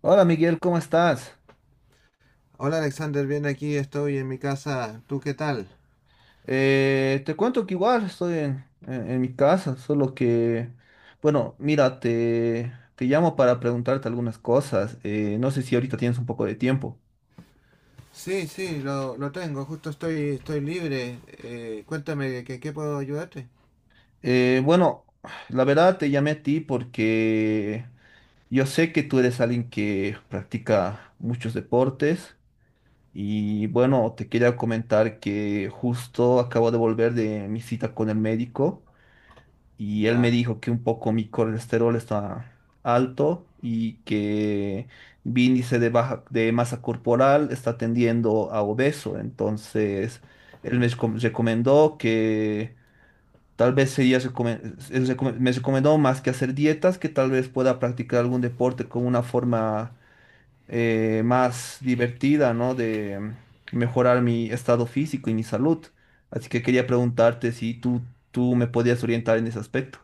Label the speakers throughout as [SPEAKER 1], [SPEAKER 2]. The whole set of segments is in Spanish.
[SPEAKER 1] Hola Miguel, ¿cómo estás?
[SPEAKER 2] Hola Alexander, bien aquí, estoy en mi casa. ¿Tú qué tal?
[SPEAKER 1] Te cuento que igual estoy en mi casa, solo que, bueno, mira, te llamo para preguntarte algunas cosas. No sé si ahorita tienes un poco de tiempo.
[SPEAKER 2] Sí, sí, lo tengo, justo estoy libre. Cuéntame, ¿qué puedo ayudarte?
[SPEAKER 1] Bueno, la verdad te llamé a ti porque yo sé que tú eres alguien que practica muchos deportes y bueno, te quería comentar que justo acabo de volver de mi cita con el médico. Y él me
[SPEAKER 2] Ya.
[SPEAKER 1] dijo que un poco mi colesterol está alto y que mi índice de baja de masa corporal está tendiendo a obeso. Entonces, él recomendó que tal vez sería recomen- me recomendó, más que hacer dietas, que tal vez pueda practicar algún deporte como una forma más divertida, ¿no? De mejorar mi estado físico y mi salud. Así que quería preguntarte si tú me podías orientar en ese aspecto.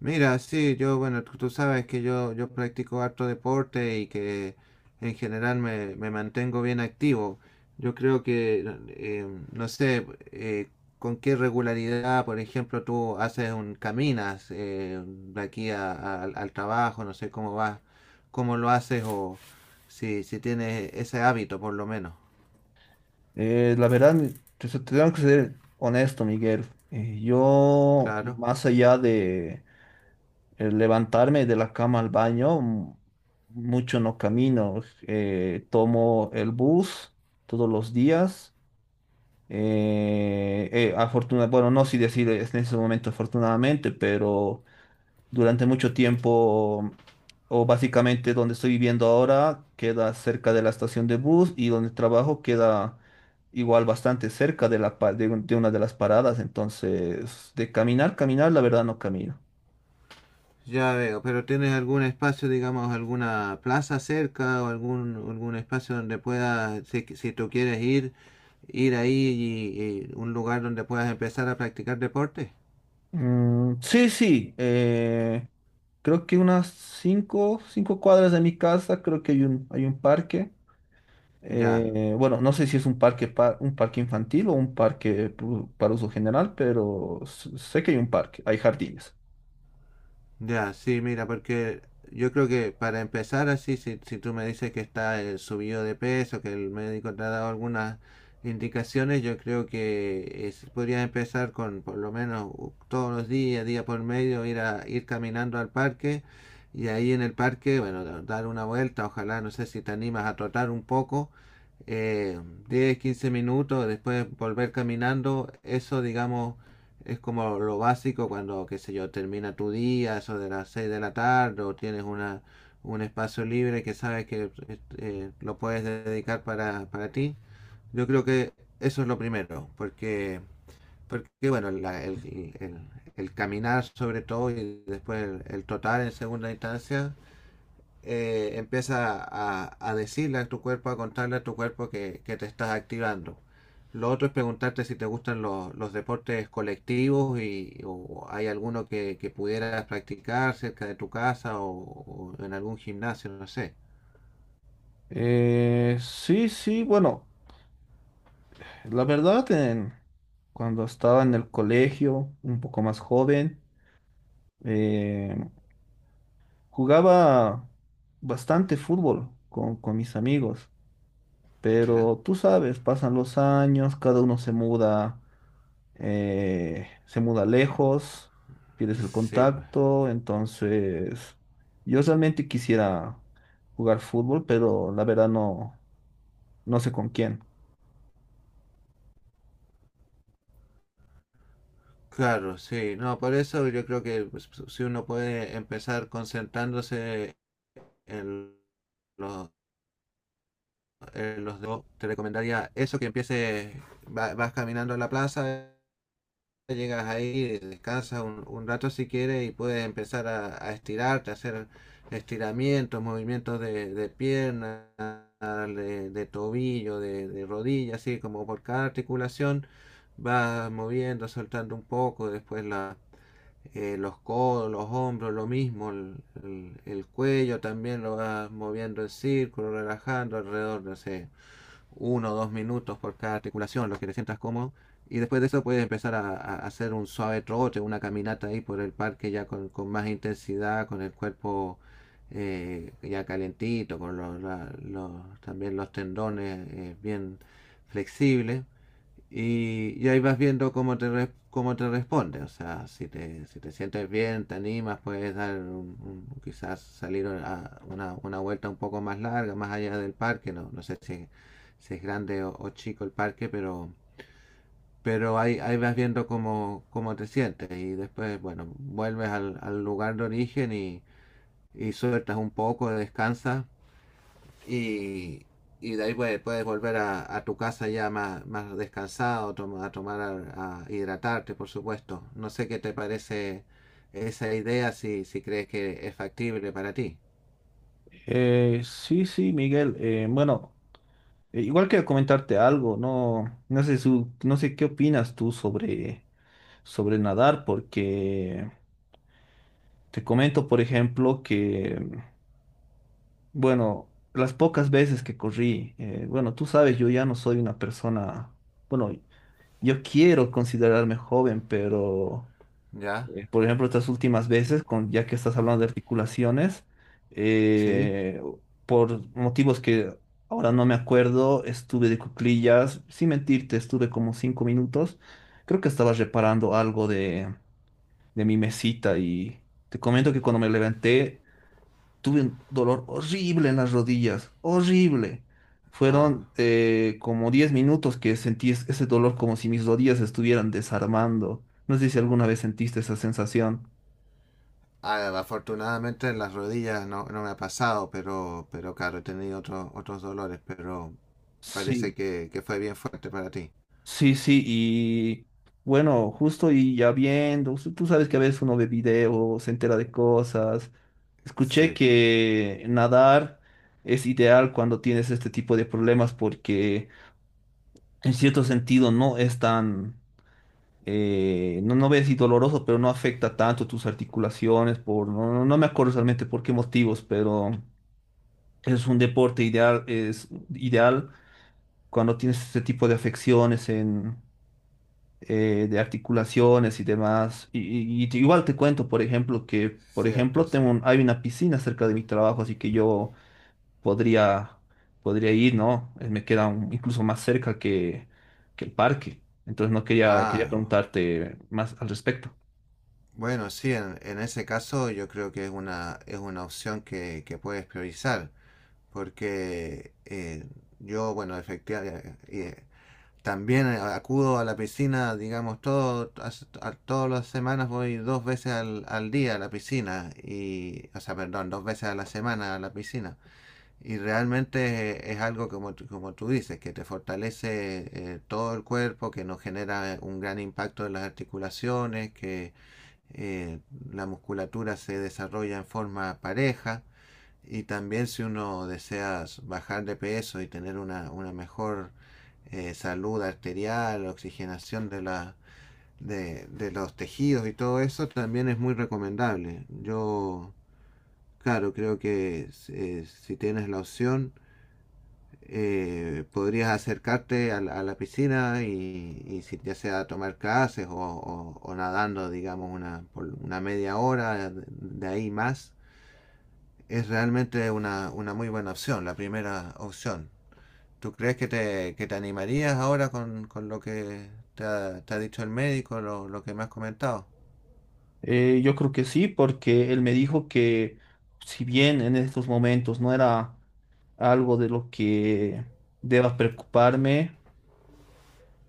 [SPEAKER 2] Mira, sí, yo, bueno, tú sabes que yo practico harto deporte y que en general me mantengo bien activo. Yo creo que, eh, no sé, eh, con qué regularidad, por ejemplo, tú haces un, caminas de aquí al al trabajo, no sé cómo vas, cómo lo haces o si, si tienes ese hábito, por lo menos.
[SPEAKER 1] Eh, la verdad, mi- Te tengo que ser honesto, Miguel. Yo,
[SPEAKER 2] Claro.
[SPEAKER 1] más allá de levantarme de la cama al baño, mucho no camino. Tomo el bus todos los días. Bueno, no sé si decir es en ese momento afortunadamente, pero durante mucho tiempo, o básicamente donde estoy viviendo ahora, queda cerca de la estación de bus y donde trabajo queda igual bastante cerca de la, pa- de, un- de una de las paradas. Entonces, de caminar, caminar, la verdad no camino.
[SPEAKER 2] Ya veo, pero ¿tienes algún espacio, digamos, alguna plaza cerca o algún, algún espacio donde puedas, si, si tú quieres ir, ir ahí y un lugar donde puedas empezar a practicar deporte?
[SPEAKER 1] Mm, sí, sí, creo que unas 5 cuadras de mi casa, creo que hay hay un parque.
[SPEAKER 2] Ya.
[SPEAKER 1] Bueno, no sé si es un parque infantil o un para uso general, pero sé que hay un parque, hay jardines.
[SPEAKER 2] Ya, sí, mira, porque yo creo que para empezar así, si, si tú me dices que está el subido de peso, que el médico te ha dado algunas indicaciones, yo creo que podrías empezar con por lo menos todos los días, día por medio, ir caminando al parque y ahí en el parque, bueno, dar una vuelta, ojalá, no sé si te animas a trotar un poco, eh, 10, 15 minutos, después volver caminando, eso digamos es como lo básico cuando, qué sé yo, termina tu día, eso de las 6 de la tarde, o tienes una, un espacio libre que sabes que lo puedes dedicar para ti. Yo creo que eso es lo primero, porque, porque bueno, el- el caminar sobre todo y después el trotar en segunda instancia, empieza a decirle a tu cuerpo, a contarle a tu cuerpo que te estás activando. Lo otro es preguntarte si te gustan los deportes colectivos y o hay alguno que pudieras practicar cerca de tu casa o en algún gimnasio, no sé.
[SPEAKER 1] Sí, sí, bueno, la verdad, en- cuando estaba en el colegio, un poco más joven, eh, jugaba bastante fútbol con mis amigos,
[SPEAKER 2] Mira.
[SPEAKER 1] pero tú sabes, pasan los años, cada uno se muda lejos, pierdes el
[SPEAKER 2] Sí, pues.
[SPEAKER 1] contacto, entonces yo realmente quisiera jugar fútbol, pero la verdad no, no sé con quién.
[SPEAKER 2] Claro, sí. No, por eso yo creo que pues, si uno puede empezar concentrándose en los, en los dos, te recomendaría eso, que empieces, vas caminando a la plaza, llegas ahí, descansas un rato si quieres y puedes empezar a estirarte, a hacer estiramientos, movimientos de pierna, de tobillo, de rodilla, así como por cada articulación vas moviendo, soltando un poco, después la, los codos, los hombros, lo mismo, el, el cuello también lo vas moviendo en círculo, relajando alrededor, no sé, uno o dos minutos por cada articulación, lo que te sientas cómodo. Y después de eso puedes empezar a hacer un suave trote, una caminata ahí por el parque ya con más intensidad, con el cuerpo ya calentito, con los, también los tendones, bien flexibles. Y ahí vas viendo cómo te, cómo te responde. O sea, si te, si te sientes bien, te animas, puedes dar quizás salir a una vuelta un poco más larga, más allá del parque. No, no sé si, si es grande o chico el parque, pero ahí, ahí vas viendo cómo, cómo te sientes. Y después, bueno, vuelves al, al lugar de origen y sueltas un poco, descansas y, y de ahí puedes, puedes volver a tu casa ya más, más descansado, a tomar, a hidratarte, por supuesto. No sé qué te parece esa idea, si, si crees que es factible para ti.
[SPEAKER 1] Sí, sí, Miguel. Bueno, igual quiero comentarte algo, no, no sé, no sé qué opinas tú sobre nadar, porque te comento, por ejemplo, que, bueno, las pocas veces que corrí, bueno, tú sabes, yo ya no soy una persona, bueno, yo quiero considerarme joven, pero...
[SPEAKER 2] ¿Ya?
[SPEAKER 1] Por ejemplo, estas últimas veces, con, ya que estás hablando de articulaciones,
[SPEAKER 2] Sí.
[SPEAKER 1] eh, por motivos que ahora no me acuerdo, estuve de cuclillas, sin mentirte, estuve como 5 minutos. Creo que estaba reparando algo de mi mesita y te comento que cuando me levanté tuve un dolor horrible en las rodillas, horrible.
[SPEAKER 2] Ah,
[SPEAKER 1] Fueron como 10 minutos que sentí ese dolor como si mis rodillas se estuvieran desarmando. No sé si alguna vez sentiste esa sensación.
[SPEAKER 2] ah, afortunadamente en las rodillas no, no me ha pasado, pero claro, he tenido otros otros dolores, pero
[SPEAKER 1] Sí,
[SPEAKER 2] parece que fue bien fuerte para ti.
[SPEAKER 1] sí, sí, y bueno, justo y ya viendo, tú sabes que a veces uno ve videos, se entera de cosas. Escuché
[SPEAKER 2] Sí,
[SPEAKER 1] que nadar es ideal cuando tienes este tipo de problemas porque en cierto sentido no es tan, no, no ves si doloroso, pero no afecta tanto tus articulaciones, por, no, no me acuerdo realmente por qué motivos, pero es un deporte ideal, es ideal cuando tienes este tipo de afecciones en de articulaciones y demás. Y, y igual te cuento, por ejemplo, que, por
[SPEAKER 2] cierto,
[SPEAKER 1] ejemplo,
[SPEAKER 2] sí.
[SPEAKER 1] hay una piscina cerca de mi trabajo, así que yo podría, podría ir, ¿no? Me queda incluso más cerca que el parque. Entonces no quería, quería
[SPEAKER 2] Ah,
[SPEAKER 1] preguntarte más al respecto.
[SPEAKER 2] bueno, sí, en ese caso yo creo que es una opción que puedes priorizar, porque yo, bueno, efectivamente, también acudo a la piscina, digamos, todo, todas las semanas voy dos veces al, al día a la piscina, y, o sea, perdón, dos veces a la semana a la piscina. Y realmente, es algo como, como tú dices, que te fortalece, todo el cuerpo, que no genera un gran impacto en las articulaciones, que, eh, la musculatura se desarrolla en forma pareja y también si uno desea bajar de peso y tener una mejor, salud arterial, oxigenación de, la, de los tejidos y todo eso, también es muy recomendable. Yo, claro, creo que, si tienes la opción, podrías acercarte a la piscina y si, ya sea tomar clases o, o nadando, digamos, una, por una media hora, de ahí más, es realmente una muy buena opción, la primera opción. ¿Tú crees que te animarías ahora con lo que te ha dicho el médico, lo que me has comentado?
[SPEAKER 1] Yo creo que sí, porque él me dijo que si bien en estos momentos no era algo de lo que deba preocuparme,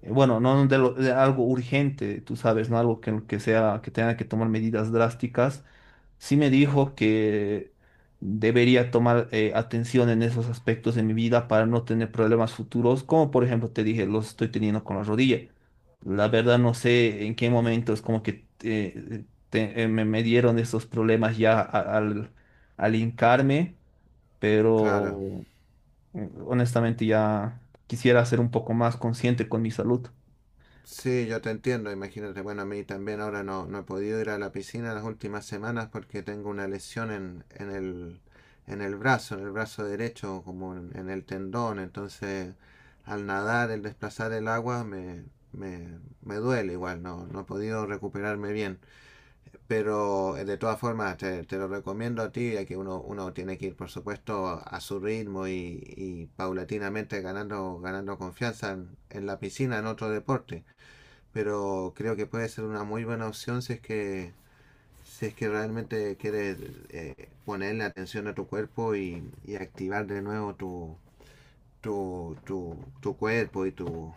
[SPEAKER 1] bueno, no de, lo- de algo urgente, tú sabes, ¿no? Algo que sea, que tenga que tomar medidas drásticas, sí me dijo que debería tomar atención en esos aspectos de mi vida para no tener problemas futuros, como por ejemplo te dije, los estoy teniendo con la rodilla. La verdad no sé en qué momento es como que me dieron esos problemas ya al hincarme,
[SPEAKER 2] Claro.
[SPEAKER 1] pero honestamente ya quisiera ser un poco más consciente con mi salud.
[SPEAKER 2] Sí, yo te entiendo, imagínate. Bueno, a mí también ahora no, no he podido ir a la piscina las últimas semanas porque tengo una lesión en el brazo derecho, como en el tendón. Entonces, al nadar, el desplazar el agua, me duele igual, no, no he podido recuperarme bien. Pero, de todas formas, te lo recomiendo a ti, ya que uno, uno tiene que ir, por supuesto, a su ritmo y paulatinamente ganando, ganando confianza en la piscina, en otro deporte, pero creo que puede ser una muy buena opción si es que si es que realmente quieres, ponerle atención a tu cuerpo y activar de nuevo tu, tu, tu, tu cuerpo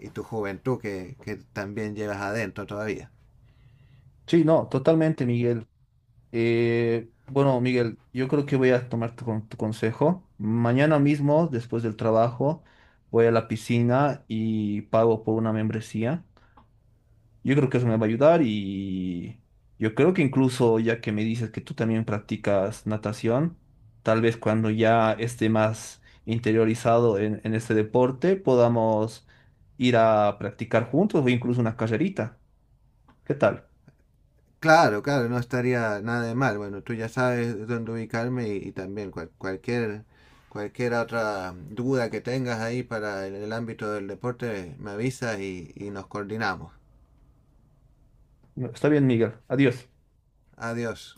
[SPEAKER 2] y tu juventud que también llevas adentro todavía.
[SPEAKER 1] Sí, no, totalmente, Miguel. Bueno, Miguel, yo creo que voy a tomar tu consejo. Mañana mismo, después del trabajo, voy a la piscina y pago por una membresía. Yo creo que eso me va a ayudar y yo creo que incluso ya que me dices que tú también practicas natación, tal vez cuando ya esté más interiorizado en este deporte, podamos ir a practicar juntos o incluso una carrerita. ¿Qué tal?
[SPEAKER 2] Claro, claro, no estaría nada de mal. Bueno, tú ya sabes dónde ubicarme y también cualquier, cualquier otra duda que tengas ahí para el ámbito del deporte, me avisas y nos coordinamos.
[SPEAKER 1] Está bien, Miguel. Adiós.
[SPEAKER 2] Adiós.